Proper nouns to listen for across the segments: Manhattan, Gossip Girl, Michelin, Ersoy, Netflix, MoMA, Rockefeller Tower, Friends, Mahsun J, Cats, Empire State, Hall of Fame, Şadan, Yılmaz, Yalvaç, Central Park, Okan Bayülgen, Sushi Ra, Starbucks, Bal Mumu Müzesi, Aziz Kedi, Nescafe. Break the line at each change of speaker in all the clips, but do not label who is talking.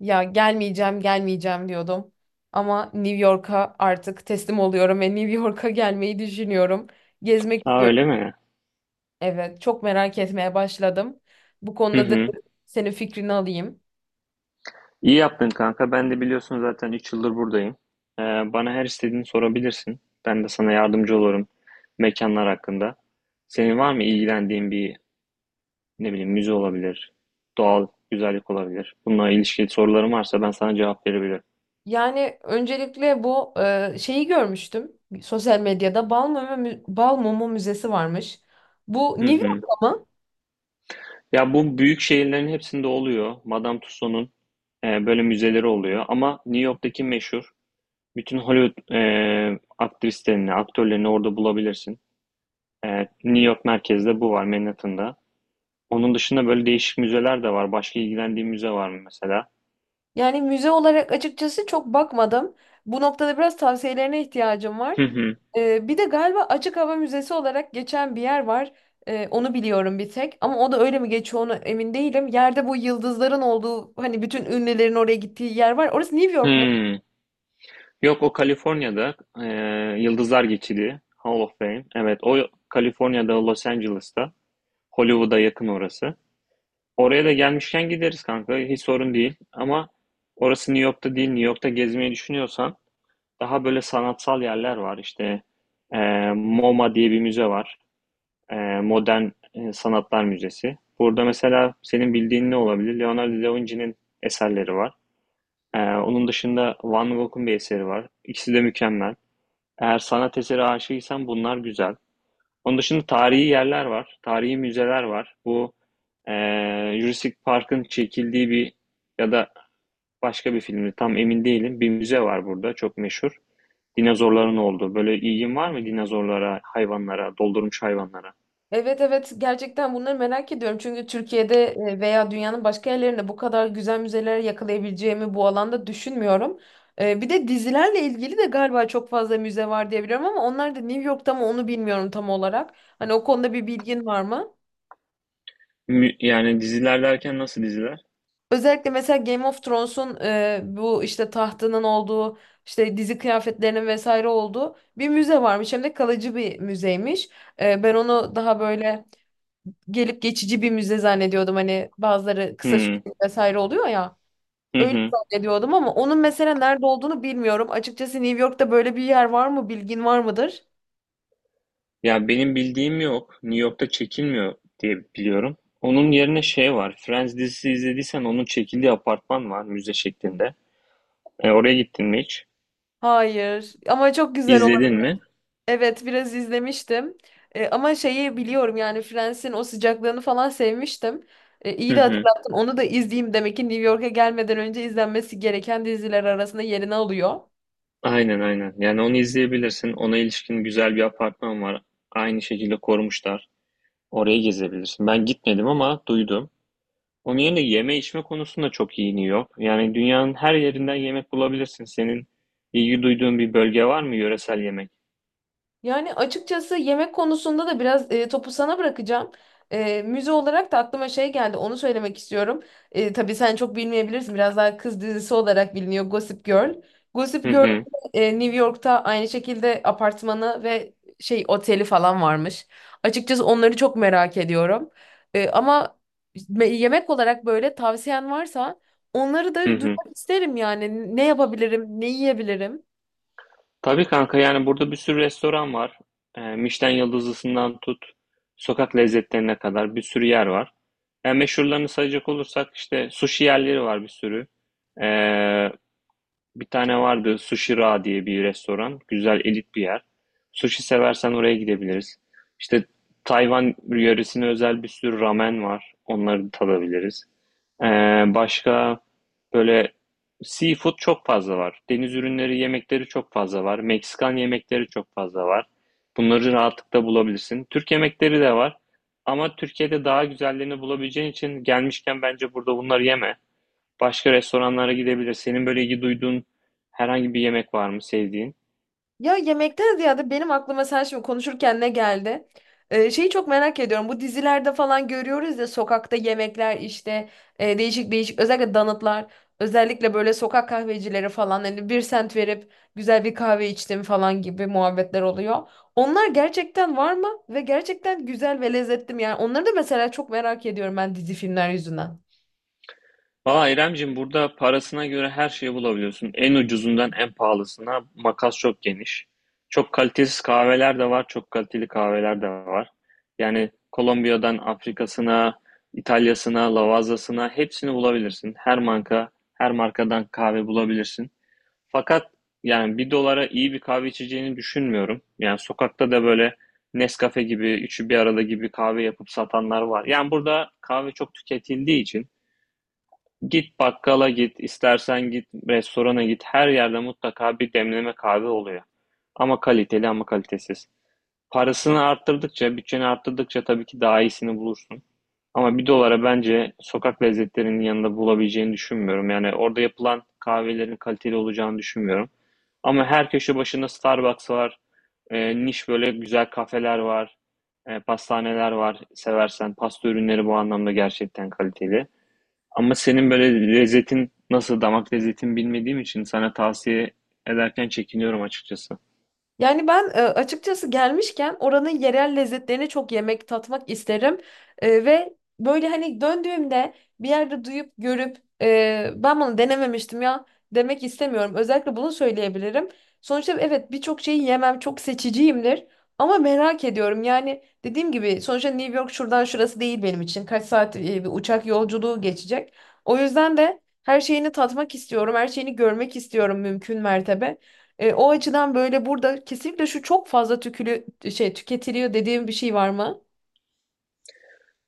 Ya gelmeyeceğim, gelmeyeceğim diyordum. Ama New York'a artık teslim oluyorum ve New York'a gelmeyi düşünüyorum. Gezmek
Aa
istiyorum.
öyle mi?
Evet, çok merak etmeye başladım. Bu
Hı
konuda da
hı.
senin fikrini alayım.
İyi yaptın kanka. Ben de biliyorsun zaten 3 yıldır buradayım. Ee, bana her istediğini sorabilirsin. Ben de sana yardımcı olurum mekanlar hakkında. Senin var mı ilgilendiğin bir ne bileyim müze olabilir, doğal güzellik olabilir. Bununla ilişkili sorularım varsa ben sana cevap verebilirim.
Yani öncelikle bu şeyi görmüştüm. Sosyal medyada Bal Mumu, Bal Mumu Müzesi varmış. Bu
Hı
New
hı.
York'ta mı?
Ya bu büyük şehirlerin hepsinde oluyor. Madame Tussauds'un böyle müzeleri oluyor. Ama New York'taki meşhur bütün Hollywood aktrislerini, aktörlerini orada bulabilirsin. Evet, New York merkezde bu var Manhattan'da. Onun dışında böyle değişik müzeler de var. Başka ilgilendiğin müze var mı mesela?
Yani müze olarak açıkçası çok bakmadım. Bu noktada biraz tavsiyelerine ihtiyacım var.
Hı hı.
Bir de galiba açık hava müzesi olarak geçen bir yer var. Onu biliyorum bir tek. Ama o da öyle mi geçiyor ona emin değilim. Yerde bu yıldızların olduğu hani bütün ünlülerin oraya gittiği yer var. Orası New York mu?
Hmm. Yok o Kaliforniya'da e, Yıldızlar Geçidi Hall of Fame. Evet o Kaliforniya'da Los Angeles'ta Hollywood'a yakın orası. Oraya da gelmişken gideriz kanka, hiç sorun değil. Ama orası New York'ta değil. New York'ta gezmeyi düşünüyorsan daha böyle sanatsal yerler var. İşte e, MoMA diye bir müze var. Ee, Modern Sanatlar Müzesi. Burada mesela senin bildiğin ne olabilir? Leonardo da Vinci'nin eserleri var. Onun dışında Van Gogh'un bir eseri var. İkisi de mükemmel. Eğer sanat eseri aşığıysan bunlar güzel. Onun dışında tarihi yerler var. Tarihi müzeler var. Bu e, Jurassic Park'ın çekildiği bir ya da başka bir filmde tam emin değilim. Bir müze var burada çok meşhur. Dinozorların olduğu. Böyle ilgin var mı dinozorlara, hayvanlara, doldurmuş hayvanlara?
Evet, evet, gerçekten bunları merak ediyorum. Çünkü Türkiye'de veya dünyanın başka yerlerinde bu kadar güzel müzeleri yakalayabileceğimi bu alanda düşünmüyorum. E, bir de dizilerle ilgili de galiba çok fazla müze var diye biliyorum ama onlar da New York'ta mı onu bilmiyorum tam olarak. Hani o konuda bir bilgin var mı?
Yani diziler derken nasıl diziler?
Özellikle mesela Game of Thrones'un bu işte tahtının olduğu, işte dizi kıyafetlerinin vesaire olduğu bir müze varmış. Hem de kalıcı bir müzeymiş. E, ben onu daha böyle gelip geçici bir müze zannediyordum. Hani bazıları kısa
Hmm.
süreli vesaire oluyor ya.
Hı
Öyle
hı.
zannediyordum ama onun mesela nerede olduğunu bilmiyorum. Açıkçası New York'ta böyle bir yer var mı? Bilgin var mıdır?
Ya benim bildiğim yok. New York'ta çekilmiyor diye biliyorum. Onun yerine şey var. Friends dizisi izlediysen onun çekildiği apartman var müze şeklinde. Oraya gittin mi hiç?
Hayır. Ama çok güzel.
İzledin mi?
Evet, biraz izlemiştim. E, ama şeyi biliyorum yani Friends'in o sıcaklığını falan sevmiştim. E, iyi
Hı
de
hı.
hatırlattın. Onu da izleyeyim. Demek ki New York'a gelmeden önce izlenmesi gereken diziler arasında yerini alıyor.
Aynen aynen. Yani onu izleyebilirsin. Ona ilişkin güzel bir apartman var. Aynı şekilde korumuşlar. Oraya gezebilirsin. Ben gitmedim ama duydum. Onun yerine yeme içme konusunda çok iyi New York. Yani dünyanın her yerinden yemek bulabilirsin. Senin ilgi duyduğun bir bölge var mı yöresel yemek?
Yani açıkçası yemek konusunda da biraz topu sana bırakacağım. E, müze olarak da aklıma şey geldi, onu söylemek istiyorum. E, tabii sen çok bilmeyebilirsin, biraz daha kız dizisi olarak biliniyor Gossip Girl. Gossip
Hı
Girl
hı,
New York'ta aynı şekilde apartmanı ve şey oteli falan varmış. Açıkçası onları çok merak ediyorum. E, ama yemek olarak böyle tavsiyen varsa onları da
hı hı.
duymak isterim yani. Ne yapabilirim, ne yiyebilirim?
Tabii kanka, yani burada bir sürü restoran var. Michelin yıldızlısından tut, sokak lezzetlerine kadar bir sürü yer var. Yani meşhurlarını sayacak olursak işte sushi yerleri var bir sürü. Ee, Bir tane vardı Sushi Ra diye bir restoran. Güzel elit bir yer. Sushi seversen oraya gidebiliriz. İşte Tayvan yöresine özel bir sürü ramen var. Onları tadabiliriz. Ee, başka böyle seafood çok fazla var. Deniz ürünleri yemekleri çok fazla var. Meksikan yemekleri çok fazla var. Bunları rahatlıkla bulabilirsin. Türk yemekleri de var. Ama Türkiye'de daha güzellerini bulabileceğin için gelmişken bence burada bunları yeme. Başka restoranlara gidebilir. Senin böyle ilgi duyduğun herhangi bir yemek var mı sevdiğin?
Ya yemekten ziyade benim aklıma sen şimdi konuşurken ne geldi? Şeyi çok merak ediyorum. Bu dizilerde falan görüyoruz ya sokakta yemekler, işte değişik değişik, özellikle donutlar, özellikle böyle sokak kahvecileri falan, hani bir sent verip güzel bir kahve içtim falan gibi muhabbetler oluyor. Onlar gerçekten var mı? Ve gerçekten güzel ve lezzetli mi? Yani onları da mesela çok merak ediyorum ben dizi filmler yüzünden.
Valla İremcim, burada parasına göre her şeyi bulabiliyorsun. En ucuzundan en pahalısına makas çok geniş. Çok kalitesiz kahveler de var, çok kaliteli kahveler de var. Yani Kolombiya'dan Afrika'sına, İtalya'sına, Lavaza'sına hepsini bulabilirsin. Her marka, her markadan kahve bulabilirsin. Fakat yani bir dolara iyi bir kahve içeceğini düşünmüyorum. Yani sokakta da böyle Nescafe gibi, üçü bir arada gibi kahve yapıp satanlar var. Yani burada kahve çok tüketildiği için git bakkala git, istersen git restorana git. Her yerde mutlaka bir demleme kahve oluyor. Ama kaliteli ama kalitesiz. Parasını arttırdıkça, bütçeni arttırdıkça tabii ki daha iyisini bulursun. Ama bir dolara bence sokak lezzetlerinin yanında bulabileceğini düşünmüyorum. Yani orada yapılan kahvelerin kaliteli olacağını düşünmüyorum. Ama her köşe başında Starbucks var. Niş böyle güzel kafeler var. Pastaneler var seversen. Pasta ürünleri bu anlamda gerçekten kaliteli. Ama senin böyle lezzetin nasıl, damak lezzetin bilmediğim için sana tavsiye ederken çekiniyorum açıkçası.
Yani ben açıkçası gelmişken oranın yerel lezzetlerini çok yemek, tatmak isterim. E, ve böyle hani döndüğümde bir yerde duyup görüp ben bunu denememiştim ya demek istemiyorum. Özellikle bunu söyleyebilirim. Sonuçta evet, birçok şeyi yemem, çok seçiciyimdir. Ama merak ediyorum yani dediğim gibi sonuçta New York şuradan şurası değil benim için. Kaç saat bir uçak yolculuğu geçecek. O yüzden de her şeyini tatmak istiyorum, her şeyini görmek istiyorum mümkün mertebe. E, o açıdan böyle burada kesinlikle şu çok fazla tükülü şey tüketiliyor dediğim bir şey var mı?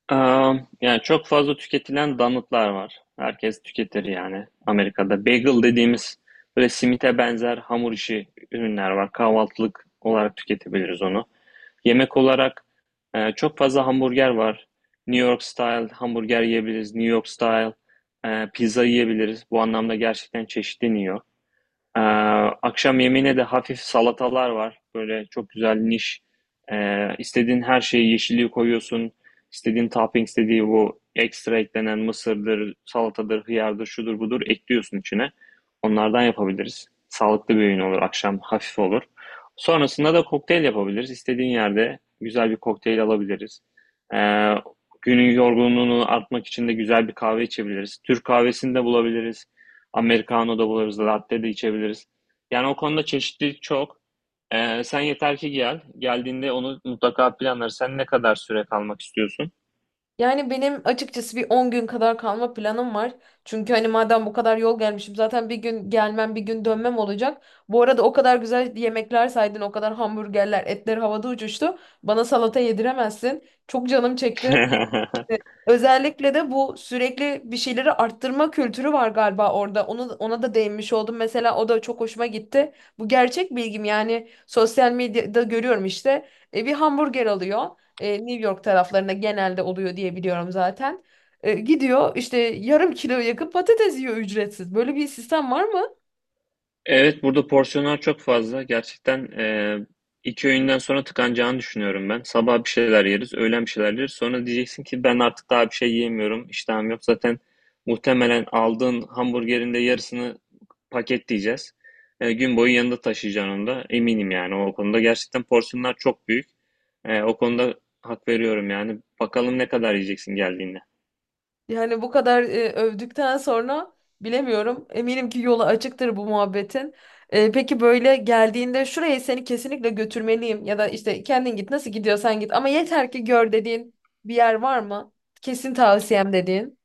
Yani çok fazla tüketilen donutlar var. Herkes tüketir yani Amerika'da. Bagel dediğimiz böyle simite benzer hamur işi ürünler var. Kahvaltılık olarak tüketebiliriz onu. Yemek olarak çok fazla hamburger var. New York style hamburger yiyebiliriz. New York style pizza yiyebiliriz. Bu anlamda gerçekten çeşitleniyor. Ee, akşam yemeğine de hafif salatalar var. Böyle çok güzel niş. İstediğin her şeyi, yeşilliği koyuyorsun. İstediğin topping, istediği bu ekstra eklenen mısırdır, salatadır, hıyardır, şudur budur ekliyorsun içine. Onlardan yapabiliriz. Sağlıklı bir öğün olur. Akşam hafif olur. Sonrasında da kokteyl yapabiliriz. İstediğin yerde güzel bir kokteyl alabiliriz. Ee, günün yorgunluğunu atmak için de güzel bir kahve içebiliriz. Türk kahvesini de bulabiliriz. Americano da buluruz, latte de içebiliriz. Yani o konuda çeşitlilik çok. Sen yeter ki gel. Geldiğinde onu mutlaka planlarız. Sen ne kadar süre kalmak istiyorsun?
Yani benim açıkçası bir 10 gün kadar kalma planım var. Çünkü hani madem bu kadar yol gelmişim zaten bir gün gelmem bir gün dönmem olacak. Bu arada o kadar güzel yemekler saydın, o kadar hamburgerler, etler havada uçuştu. Bana salata yediremezsin. Çok canım çekti. Evet. Özellikle de bu sürekli bir şeyleri arttırma kültürü var galiba orada. Onu, ona da değinmiş oldum. Mesela o da çok hoşuma gitti. Bu gerçek bilgim, yani sosyal medyada görüyorum işte. E, bir hamburger alıyor. E, New York taraflarında genelde oluyor diye biliyorum zaten. E, gidiyor işte yarım kilo yakın patates yiyor ücretsiz. Böyle bir sistem var mı?
Evet, burada porsiyonlar çok fazla. Gerçekten iki öğünden sonra tıkanacağını düşünüyorum ben. Sabah bir şeyler yeriz, öğlen bir şeyler yeriz. Sonra diyeceksin ki ben artık daha bir şey yiyemiyorum, iştahım yok. Zaten muhtemelen aldığın hamburgerin de yarısını paketleyeceğiz. Gün boyu yanında taşıyacaksın onu da. Eminim yani o konuda. Gerçekten porsiyonlar çok büyük. O konuda hak veriyorum yani. Bakalım ne kadar yiyeceksin geldiğinde.
Yani bu kadar övdükten sonra bilemiyorum. Eminim ki yolu açıktır bu muhabbetin. E, peki böyle geldiğinde şuraya seni kesinlikle götürmeliyim ya da işte kendin git nasıl gidiyorsan git ama yeter ki gör dediğin bir yer var mı? Kesin tavsiyem dediğin.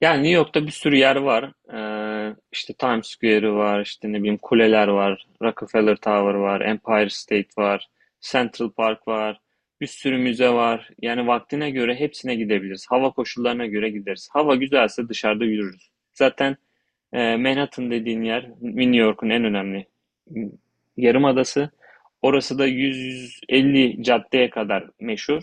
Yani New York'ta bir sürü yer var. İşte Times Square'ı var, işte ne bileyim kuleler var, Rockefeller Tower var, Empire State var, Central Park var, bir sürü müze var. Yani vaktine göre hepsine gidebiliriz. Hava koşullarına göre gideriz. Hava güzelse dışarıda yürürüz. Zaten Manhattan dediğin yer New York'un en önemli yarımadası. Orası da 150 caddeye kadar meşhur.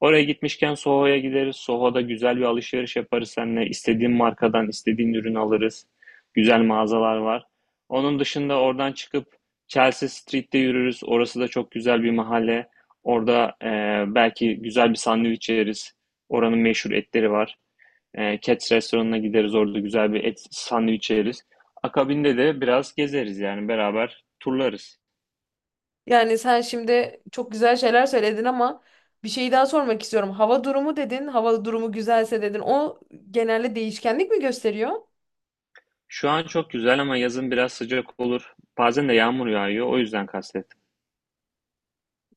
Oraya gitmişken Soho'ya gideriz. Soho'da güzel bir alışveriş yaparız seninle. İstediğin markadan istediğin ürün alırız. Güzel mağazalar var. Onun dışında oradan çıkıp Chelsea Street'te yürürüz. Orası da çok güzel bir mahalle. Orada belki güzel bir sandviç yeriz. Oranın meşhur etleri var. Cats restoranına gideriz, orada güzel bir et sandviç yeriz. Akabinde de biraz gezeriz yani beraber turlarız.
Yani sen şimdi çok güzel şeyler söyledin ama bir şey daha sormak istiyorum. Hava durumu dedin, hava durumu güzelse dedin. O genelde değişkenlik mi gösteriyor?
Şu an çok güzel ama yazın biraz sıcak olur. Bazen de yağmur yağıyor, o yüzden kastettim.